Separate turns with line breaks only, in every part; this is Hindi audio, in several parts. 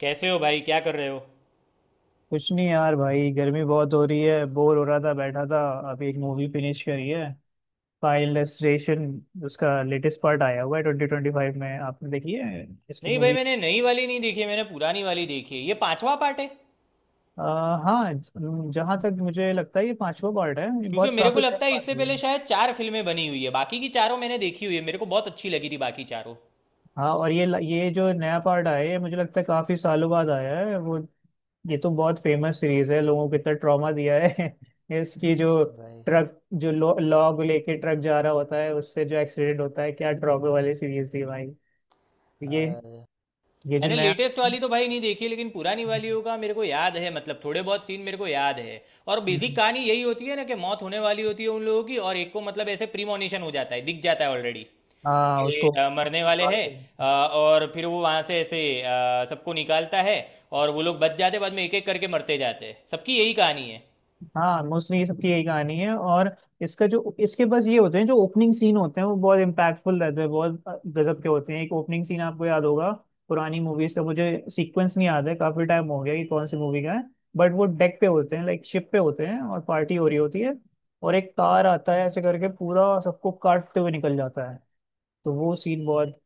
कैसे हो भाई? क्या कर रहे हो?
कुछ नहीं यार, भाई गर्मी बहुत हो रही है, बोर हो रहा था, बैठा था। अभी एक मूवी फिनिश करी है, फाइनल डेस्टिनेशन। उसका लेटेस्ट पार्ट आया हुआ है 2025 में। आपने देखी है इसकी
नहीं भाई,
मूवी?
मैंने नई वाली नहीं देखी है, मैंने पुरानी वाली देखी है। ये पांचवा पार्ट है।
हाँ। जहाँ तक मुझे लगता है ये पांचवा पार्ट है। ये
क्योंकि
बहुत
मेरे को
काफी टाइम
लगता है
बाद
इससे
हुआ
पहले
है।
शायद चार फिल्में बनी हुई है। बाकी की चारों मैंने देखी हुई है, मेरे को बहुत अच्छी लगी थी बाकी चारों।
हाँ, और ये जो नया पार्ट आया है ये मुझे लगता है काफी सालों बाद आया है वो। ये तो बहुत फेमस सीरीज है, लोगों को इतना ट्रॉमा दिया है। इसकी जो
हाँ भाई।
ट्रक, जो लॉग लेके ट्रक जा रहा होता है, उससे जो एक्सीडेंट होता है, क्या ट्रॉमा वाली सीरीज थी भाई। ये
अरे।
ये जो
मैंने
नया।
लेटेस्ट वाली तो भाई नहीं देखी, लेकिन पुरानी वालियों का मेरे को याद है, मतलब थोड़े बहुत सीन मेरे को याद है। और बेसिक कहानी यही होती है ना, कि मौत होने वाली होती है उन लोगों की, और एक को मतलब ऐसे प्रीमोनिशन हो जाता है, दिख जाता है ऑलरेडी
हाँ,
के,
उसको
मरने वाले
बर्बाद
हैं।
हो गया।
और फिर वो वहां से ऐसे सबको निकालता है। और वो लोग बच जाते, बाद में एक एक करके मरते जाते हैं। सबकी यही कहानी है।
हाँ, मोस्टली ये सबकी यही कहानी है। और इसका जो इसके बस ये होते हैं जो ओपनिंग सीन होते हैं, वो बहुत इम्पैक्टफुल रहते हैं, बहुत गजब के होते हैं। एक ओपनिंग सीन आपको याद होगा, पुरानी मूवीज का मुझे सीक्वेंस नहीं याद है, काफी टाइम हो गया कि कौन सी मूवी का है, बट वो डेक पे होते हैं, लाइक शिप पे होते हैं, और पार्टी हो रही होती है, और एक कार आता है ऐसे करके पूरा सबको काटते हुए निकल जाता है। तो वो सीन बहुत,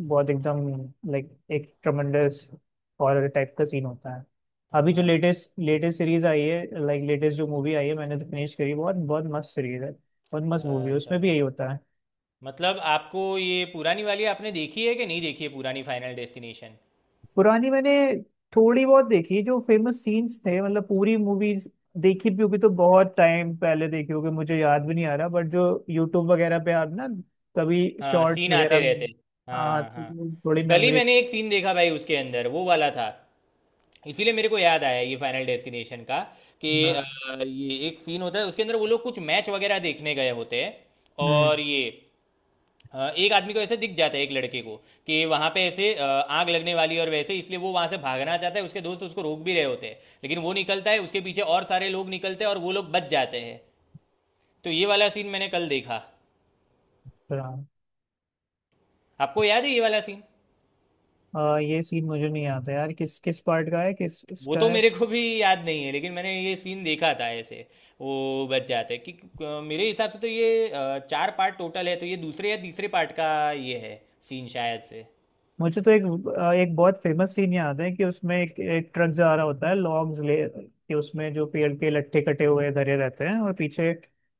बहुत एकदम लाइक एक ट्रमेंडस हॉरर टाइप का सीन होता है। अभी जो
हाँ भाई।
लेटेस्ट लेटेस्ट सीरीज आई है, लाइक लेटेस्ट जो मूवी आई है, मैंने तो फिनिश करी, बहुत बहुत मस्त सीरीज है, बहुत मस्त मूवी है,
अच्छा
उसमें भी
भाई।
यही होता है।
मतलब आपको ये पुरानी वाली आपने देखी है कि नहीं देखी है पुरानी फाइनल डेस्टिनेशन?
पुरानी मैंने थोड़ी बहुत देखी, जो फेमस सीन्स थे, मतलब पूरी मूवीज देखी भी होगी तो बहुत टाइम पहले देखी होगी, मुझे याद भी नहीं आ रहा, बट जो यूट्यूब वगैरह पे आप ना, कभी
हाँ
शॉर्ट्स
सीन आते
वगैरह में,
रहते हैं।
हाँ
हाँ हाँ।
तो थोड़ी
कल ही
मेमोरी।
मैंने एक सीन देखा भाई, उसके अंदर वो वाला था। इसीलिए मेरे को याद आया ये फाइनल डेस्टिनेशन का कि
हाँ।
ये एक सीन होता है उसके अंदर, वो लोग कुछ मैच वगैरह देखने गए होते हैं। और ये एक आदमी को ऐसे दिख जाता है, एक लड़के को। कि वहां पे ऐसे आग लगने वाली है, और वैसे इसलिए वो वहां से भागना चाहता है, उसके दोस्त उसको रोक भी रहे होते हैं। लेकिन वो निकलता है, उसके पीछे और सारे लोग निकलते हैं, और वो लोग बच जाते हैं। तो ये वाला सीन मैंने कल देखा।
हम्म।
आपको याद है ये वाला सीन?
ये सीन मुझे नहीं आता यार, किस किस पार्ट का है, किस
वो
उसका
तो
है।
मेरे को भी याद नहीं है, लेकिन मैंने ये सीन देखा था ऐसे। वो बच जाते हैं कि मेरे हिसाब से तो ये चार पार्ट टोटल है, तो ये दूसरे या तीसरे पार्ट का ये है। सीन शायद से।
मुझे तो एक बहुत फेमस सीन याद है कि उसमें एक ट्रक जा रहा होता है, लॉन्ग्स ले, कि उसमें जो पेड़ के लट्ठे कटे हुए धरे रहते हैं, और पीछे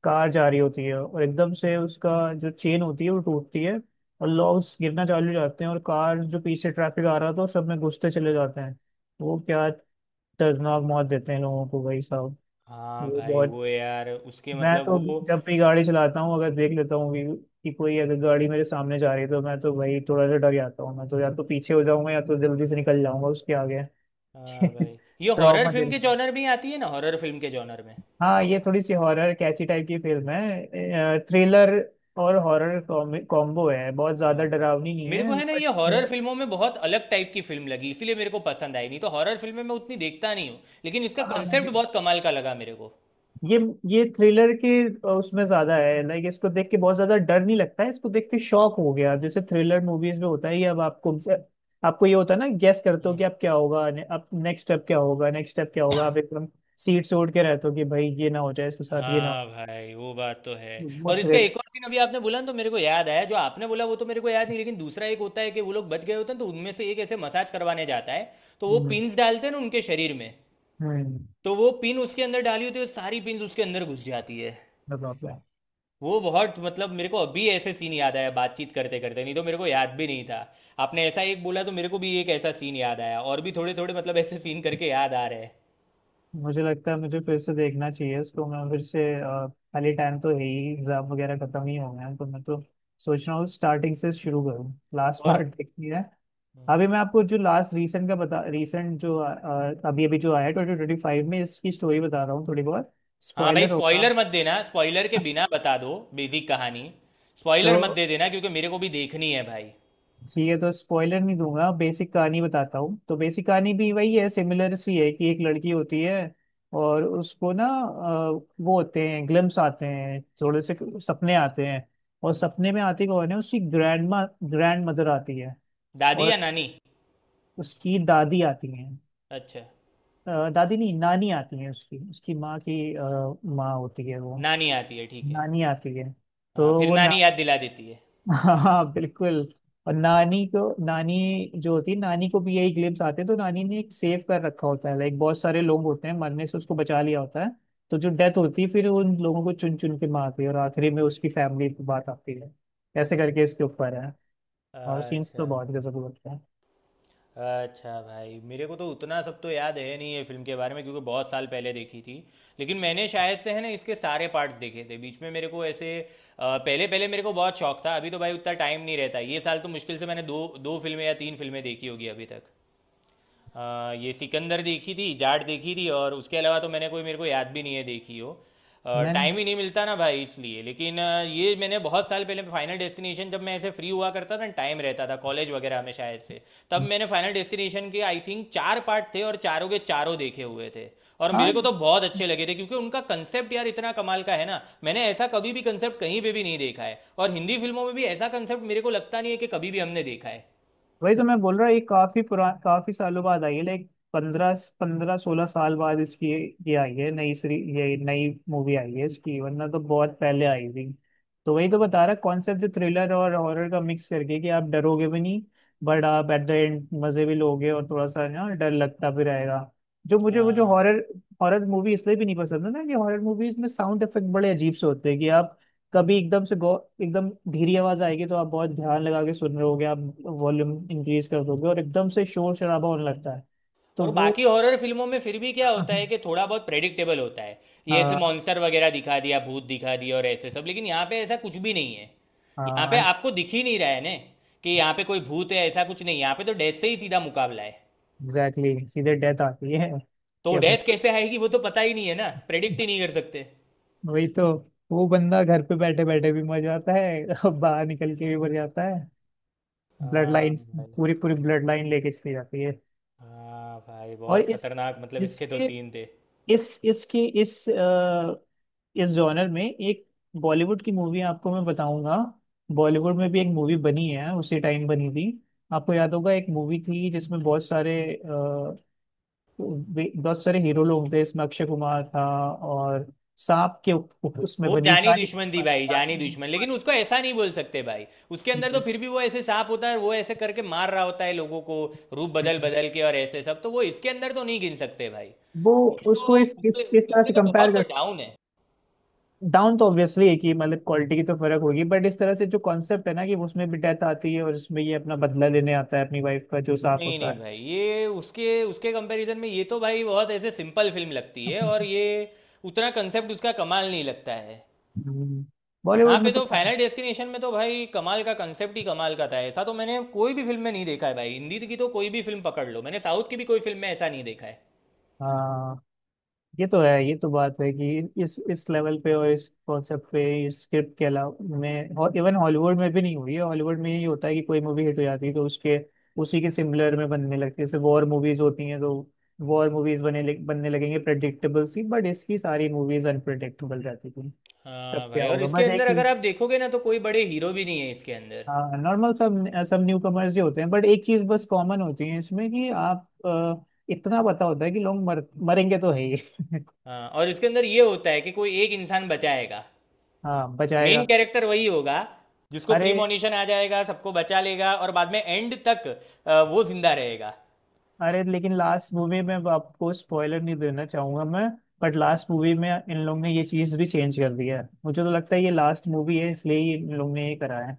कार जा रही होती है, और एकदम से उसका जो चेन होती है वो टूटती है, और लॉन्ग्स गिरना चालू हो जाते हैं, और कार जो पीछे ट्रैफिक आ रहा था, सब में घुसते चले जाते हैं। वो क्या दर्दनाक मौत देते हैं लोगों को, भाई साहब।
हाँ
वो
भाई
बहुत,
वो यार उसके
मैं
मतलब
तो
वो।
जब भी गाड़ी चलाता हूँ, अगर देख लेता हूँ व्यू कि कोई अगर गाड़ी मेरे सामने जा रही है, तो मैं तो भाई थोड़ा सा डर जाता हूँ, मैं तो या तो पीछे हो जाऊंगा या तो जल्दी से निकल जाऊंगा उसके आगे।
हाँ भाई, ये हॉरर
ट्रॉमा दे
फिल्म के
रखा है।
जॉनर में ही आती है ना, हॉरर फिल्म के जॉनर में।
हाँ, ये थोड़ी सी हॉरर कैची टाइप की फिल्म है, थ्रिलर और हॉरर कॉम्बो है, बहुत ज्यादा
हाँ भाई,
डरावनी नहीं
मेरे
है
को है ना,
बट,
ये हॉरर फिल्मों में बहुत अलग टाइप की फिल्म लगी, इसीलिए मेरे को पसंद आई। नहीं तो हॉरर फिल्में मैं उतनी देखता नहीं हूँ। लेकिन इसका
हाँ,
कंसेप्ट बहुत कमाल का लगा मेरे को।
ये ये उसमें ज्यादा है। लाइक इसको देख के बहुत ज्यादा डर नहीं लगता है, इसको देख के शॉक हो गया जैसे थ्रिलर मूवीज में होता है, ये अब आपको आपको ये होता है ना, गेस करते हो
हम्म।
कि अब क्या होगा अब नेक्स्ट स्टेप क्या होगा, नेक्स्ट स्टेप क्या होगा, आप एकदम सीट से उड़ के रहते हो कि भाई ये ना हो जाए, इसके साथ ये ना हो।
हाँ भाई, वो बात तो है।
वो
और इसका
थ्रिल।
एक और सीन अभी आपने बोला ना, तो मेरे को याद आया। जो आपने बोला वो तो मेरे को याद नहीं, लेकिन दूसरा एक होता है कि वो लोग बच गए होते हैं, तो उनमें से एक ऐसे मसाज करवाने जाता है। तो वो
हम्म।
पिन्स डालते हैं ना उनके शरीर में।
हम्म।
तो वो पिन उसके अंदर डाली होती है, सारी पिन्स उसके अंदर घुस जाती है।
बताओ क्या।
वो बहुत मतलब, मेरे को अभी ऐसे सीन याद आया बातचीत करते करते, नहीं तो मेरे को याद भी नहीं था। आपने ऐसा एक बोला तो मेरे को भी एक ऐसा सीन याद आया, और भी थोड़े थोड़े मतलब ऐसे सीन करके याद आ रहे हैं।
मुझे लगता है मुझे फिर से देखना चाहिए इसको, मैं फिर से खाली टाइम तो है ही, एग्जाम वगैरह खत्म ही हो गए हैं, तो मैं तो सोच रहा हूँ स्टार्टिंग से शुरू करूँ, लास्ट
और।
पार्ट देखनी है। अभी मैं आपको जो लास्ट रीसेंट का बता रीसेंट जो अभी अभी जो आया 2025 में, इसकी स्टोरी बता रहा हूँ थोड़ी बहुत,
हाँ भाई,
स्पॉइलर होगा।
स्पॉइलर मत देना। स्पॉइलर के बिना बता दो बेसिक कहानी। स्पॉइलर मत
तो
दे देना, क्योंकि मेरे को भी देखनी है भाई।
ठीक है, तो स्पॉइलर नहीं दूंगा, बेसिक कहानी बताता हूँ। तो बेसिक कहानी भी वही है, सिमिलर सी है, कि एक लड़की होती है, और उसको वो होते हैं ग्लिम्स आते हैं थोड़े से, सपने आते हैं, और
हम्म।
सपने में आती कौन है, उसकी ग्रैंड माँ, ग्रैंड मदर आती है।
दादी या
और
नानी?
उसकी दादी आती हैं,
अच्छा।
दादी नहीं नानी आती है, उसकी उसकी माँ की माँ होती है वो,
नानी आती है, ठीक है।
नानी आती है, तो
हाँ, फिर
वो ना।
नानी याद दिला देती है।
हाँ, बिल्कुल। और नानी को, नानी जो होती है, नानी को भी यही ग्लिम्स आते हैं, तो नानी ने एक सेव कर रखा होता है, लाइक बहुत सारे लोग होते हैं मरने से उसको बचा लिया होता है। तो जो डेथ होती है, फिर उन लोगों को चुन चुन के मारती है, और आखिरी में उसकी फैमिली की बात आती है, ऐसे करके इसके ऊपर है, और सीन्स
अच्छा।
तो बहुत गजब लगते हैं।
अच्छा भाई, मेरे को तो उतना सब तो याद है नहीं ये फिल्म के बारे में, क्योंकि बहुत साल पहले देखी थी। लेकिन मैंने शायद से है ना, इसके सारे पार्ट्स देखे थे बीच में, मेरे को ऐसे पहले पहले मेरे को बहुत शौक था। अभी तो भाई उतना टाइम नहीं रहता। ये साल तो मुश्किल से मैंने दो दो फिल्में या तीन फिल्में देखी होगी अभी तक। ये सिकंदर देखी थी, जाट देखी थी, और उसके अलावा तो मैंने कोई, मेरे को याद भी नहीं है देखी हो। टाइम
मैंने।
ही नहीं मिलता ना भाई इसलिए। लेकिन ये मैंने बहुत साल पहले फाइनल डेस्टिनेशन जब मैं ऐसे फ्री हुआ करता था, टाइम रहता था कॉलेज वगैरह में शायद से, तब मैंने फाइनल डेस्टिनेशन के आई थिंक चार पार्ट थे, और चारों के चारों देखे हुए थे। और मेरे
हाँ,
को तो बहुत अच्छे लगे थे, क्योंकि उनका कंसेप्ट यार इतना कमाल का है ना। मैंने ऐसा कभी भी कंसेप्ट कहीं पे भी नहीं देखा है, और हिंदी फिल्मों में भी ऐसा कंसेप्ट मेरे को लगता नहीं है कि कभी भी हमने देखा है।
वही तो मैं बोल रहा, ये काफी सालों बाद आई है, लाइक पंद्रह पंद्रह सोलह साल बाद इसकी ये आई है, नई सीरी, ये नई मूवी आई है इसकी, वरना तो बहुत पहले आई थी। तो वही तो बता रहा, कॉन्सेप्ट जो थ्रिलर और हॉरर का मिक्स करके, कि आप डरोगे भी नहीं बट आप एट द एंड मजे भी लोगे, और थोड़ा सा ना डर लगता भी रहेगा। जो मुझे वो जो
हाँ।
हॉरर हॉरर मूवी इसलिए भी नहीं पसंद है ना, कि हॉरर मूवीज में साउंड इफेक्ट बड़े अजीब से होते हैं, कि आप कभी एकदम से गौ एकदम धीरे आवाज आएगी तो आप बहुत ध्यान लगा के सुन रहे होगे, आप वॉल्यूम इंक्रीज कर दोगे, और एकदम से शोर शराबा होने लगता है, तो
और
वो।
बाकी हॉरर फिल्मों में फिर भी क्या होता है कि थोड़ा बहुत प्रेडिक्टेबल होता है। ये ऐसे
हाँ,
मॉन्स्टर वगैरह दिखा दिया, भूत दिखा दिया और ऐसे सब। लेकिन यहाँ पे ऐसा कुछ भी नहीं है। यहाँ पे
हाँ,
आपको दिख ही नहीं रहा है ने, कि यहाँ पे कोई भूत है, ऐसा कुछ नहीं। यहाँ पे तो डेथ से ही सीधा मुकाबला है।
एग्जैक्टली, सीधे डेथ आती है कि
तो
अपने,
डेथ कैसे आएगी वो तो पता ही नहीं है ना, प्रेडिक्ट ही नहीं कर सकते।
वही तो। वो बंदा घर पे बैठे बैठे भी मर जाता है और बाहर निकल के भी मर जाता है। ब्लड
हाँ
लाइन,
भाई।
पूरी पूरी ब्लड लाइन लेके चली जाती है।
हाँ भाई
और
बहुत
इस
खतरनाक, मतलब इसके तो
इसके
सीन थे।
इस इसकी इस अ, इस जॉनर में एक बॉलीवुड की मूवी आपको मैं बताऊंगा। बॉलीवुड में भी एक मूवी बनी है उसी टाइम बनी थी, आपको याद होगा, एक मूवी थी जिसमें बहुत सारे हीरो लोग थे, इसमें अक्षय कुमार था, और सांप के उप, उप- उसमें
वो
बनी,
जानी
जानी।
दुश्मन थी भाई, जानी दुश्मन, लेकिन उसको ऐसा नहीं बोल सकते भाई। उसके अंदर तो फिर भी वो ऐसे सांप होता है, वो ऐसे करके मार रहा होता है लोगों को। रूप बदल बदल के और ऐसे सब, तो वो इसके अंदर तो नहीं गिन सकते भाई।
वो,
ये
उसको
तो
इस
उससे
इस इस तरह
उससे
से
तो
कंपेयर
बहुत
कर,
डाउन है।
डाउन तो ऑब्वियसली एक ही मतलब क्वालिटी की तो फर्क होगी, बट इस तरह से जो कॉन्सेप्ट है ना, कि उसमें भी डेथ आती है और इसमें ये अपना बदला लेने आता है, अपनी वाइफ का जो साफ
नहीं
होता
नहीं
है।
भाई, ये उसके उसके कंपैरिजन में ये तो भाई बहुत ऐसे सिंपल फिल्म लगती है, और ये उतना कंसेप्ट उसका कमाल नहीं लगता है।
हम्म।
यहाँ
बॉलीवुड
पे
में तो
तो फाइनल डेस्टिनेशन में तो भाई कमाल का कंसेप्ट ही कमाल का था। ऐसा तो मैंने कोई भी फिल्म में नहीं देखा है भाई, हिंदी की तो कोई भी फिल्म पकड़ लो। मैंने साउथ की भी कोई फिल्म में ऐसा नहीं देखा है।
हाँ, ये तो बात है, कि इस लेवल पे और इस कॉन्सेप्ट पे, इस स्क्रिप्ट के अलावा में और इवन हॉलीवुड में भी नहीं हुई है। हॉलीवुड में यही होता है कि कोई मूवी हिट हो जाती है तो उसके, उसी के सिमिलर में बनने लगती है, जैसे वॉर मूवीज होती हैं तो वॉर मूवीज बने बनने लगेंगे प्रेडिक्टेबल सी, बट इसकी सारी मूवीज अनप्रेडिक्टेबल रहती। तब
हाँ
क्या
भाई, और
होगा
इसके
बस एक
अंदर अगर
चीज,
आप देखोगे ना, तो कोई बड़े हीरो भी नहीं है इसके अंदर।
हाँ नॉर्मल सब सब न्यू कमर्स ही होते हैं, बट एक चीज बस कॉमन होती है इसमें कि इतना पता होता है कि लोग मर मरेंगे तो है ही।
हाँ, और इसके अंदर ये होता है कि कोई एक इंसान बचाएगा।
हाँ बचाएगा।
मेन कैरेक्टर वही होगा। जिसको
अरे,
प्रीमोनिशन आ जाएगा, सबको बचा लेगा और बाद में एंड तक वो जिंदा रहेगा।
अरे लेकिन लास्ट मूवी में, अब आपको स्पॉइलर नहीं देना चाहूंगा मैं, बट लास्ट मूवी में इन लोग ने ये चीज भी चेंज कर दिया है, मुझे तो लगता है ये लास्ट मूवी है इसलिए ही इन लोग ने ये करा है,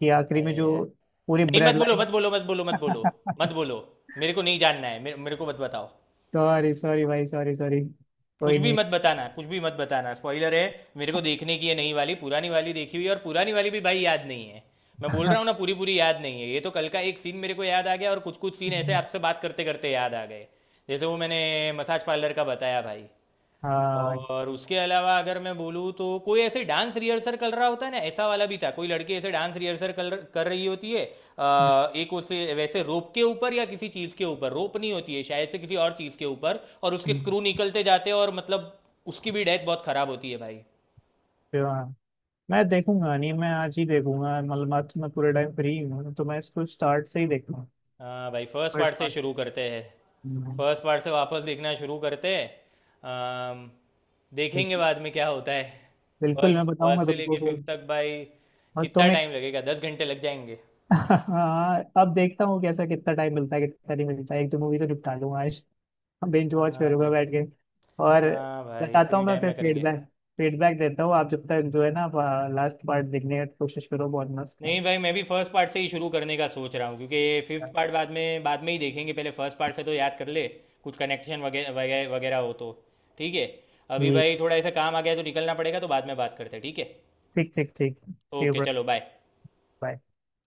कि आखिरी
अरे
में जो
यार।
पूरी
नहीं, मत
ब्लड
बोलो
लाइन।
मत बोलो मत बोलो मत बोलो मत बोलो। मेरे को नहीं जानना है। मेरे को मत बताओ।
सॉरी सॉरी भाई, सॉरी सॉरी।
कुछ
कोई
भी
नहीं।
मत बताना, कुछ भी मत बताना, स्पॉइलर है। मेरे को देखने की है नई वाली, पुरानी वाली देखी हुई है, और पुरानी वाली भी भाई याद नहीं है। मैं बोल रहा हूँ ना, पूरी पूरी याद नहीं है। ये तो कल का एक सीन मेरे को याद आ गया, और कुछ कुछ सीन ऐसे आपसे बात करते करते याद आ गए। जैसे वो मैंने मसाज पार्लर का बताया भाई।
हाँ,
और उसके अलावा अगर मैं बोलूँ तो कोई ऐसे डांस रिहर्सल कर रहा होता है ना, ऐसा वाला भी था। कोई लड़की ऐसे डांस रिहर्सल कर कर रही होती है। एक उसे वैसे रोप के ऊपर या किसी चीज़ के ऊपर, रोप नहीं होती है शायद से, किसी और चीज़ के ऊपर, और उसके स्क्रू निकलते जाते हैं, और मतलब उसकी भी डेथ बहुत ख़राब होती है भाई।
हाँ, मैं देखूंगा, नहीं मैं आज ही देखूंगा, मतलब आज तो मैं पूरे टाइम फ्री हूँ, तो मैं इसको स्टार्ट से ही देखूंगा।
हाँ भाई, फर्स्ट पार्ट
फर्स्ट
से
पार्ट।
शुरू करते हैं। फर्स्ट पार्ट से वापस देखना शुरू करते हैं। अम, देखेंगे
बिल्कुल,
बाद में क्या होता है।
बिल्कुल मैं
फर्स्ट फर्स्ट
बताऊंगा
से
तुमको
लेके
फिर।
फिफ्थ तक भाई।
और
कितना
तुम एक।
टाइम लगेगा? 10 घंटे लग जाएंगे।
हाँ, अब देखता हूँ कैसा, कितना टाइम मिलता है कितना नहीं मिलता है, एक दो मूवी तो निपटा लूंगा आज। बेंच वॉच
हाँ
करूंगा
भाई।
बैठ के। और
हाँ भाई,
बताता
फ्री
हूँ मैं
टाइम
फिर
में करेंगे।
फीडबैक फीडबैक देता हूँ आप जब तक। जो है ना, लास्ट पार्ट देखने की कोशिश करो, बहुत मस्त है।
नहीं भाई, मैं भी फर्स्ट पार्ट से ही शुरू करने का सोच रहा हूँ। क्योंकि ये फिफ्थ पार्ट बाद में ही देखेंगे, पहले फर्स्ट पार्ट से तो याद कर ले। कुछ कनेक्शन वगैरह वगैरह वगैरह हो तो। ठीक है। अभी
ठीक,
भाई थोड़ा ऐसा काम आ गया है, तो निकलना पड़ेगा, तो बाद में बात करते हैं ठीक है।
ठीक ठीक ठीक। See you.
ओके चलो बाय।
बाय।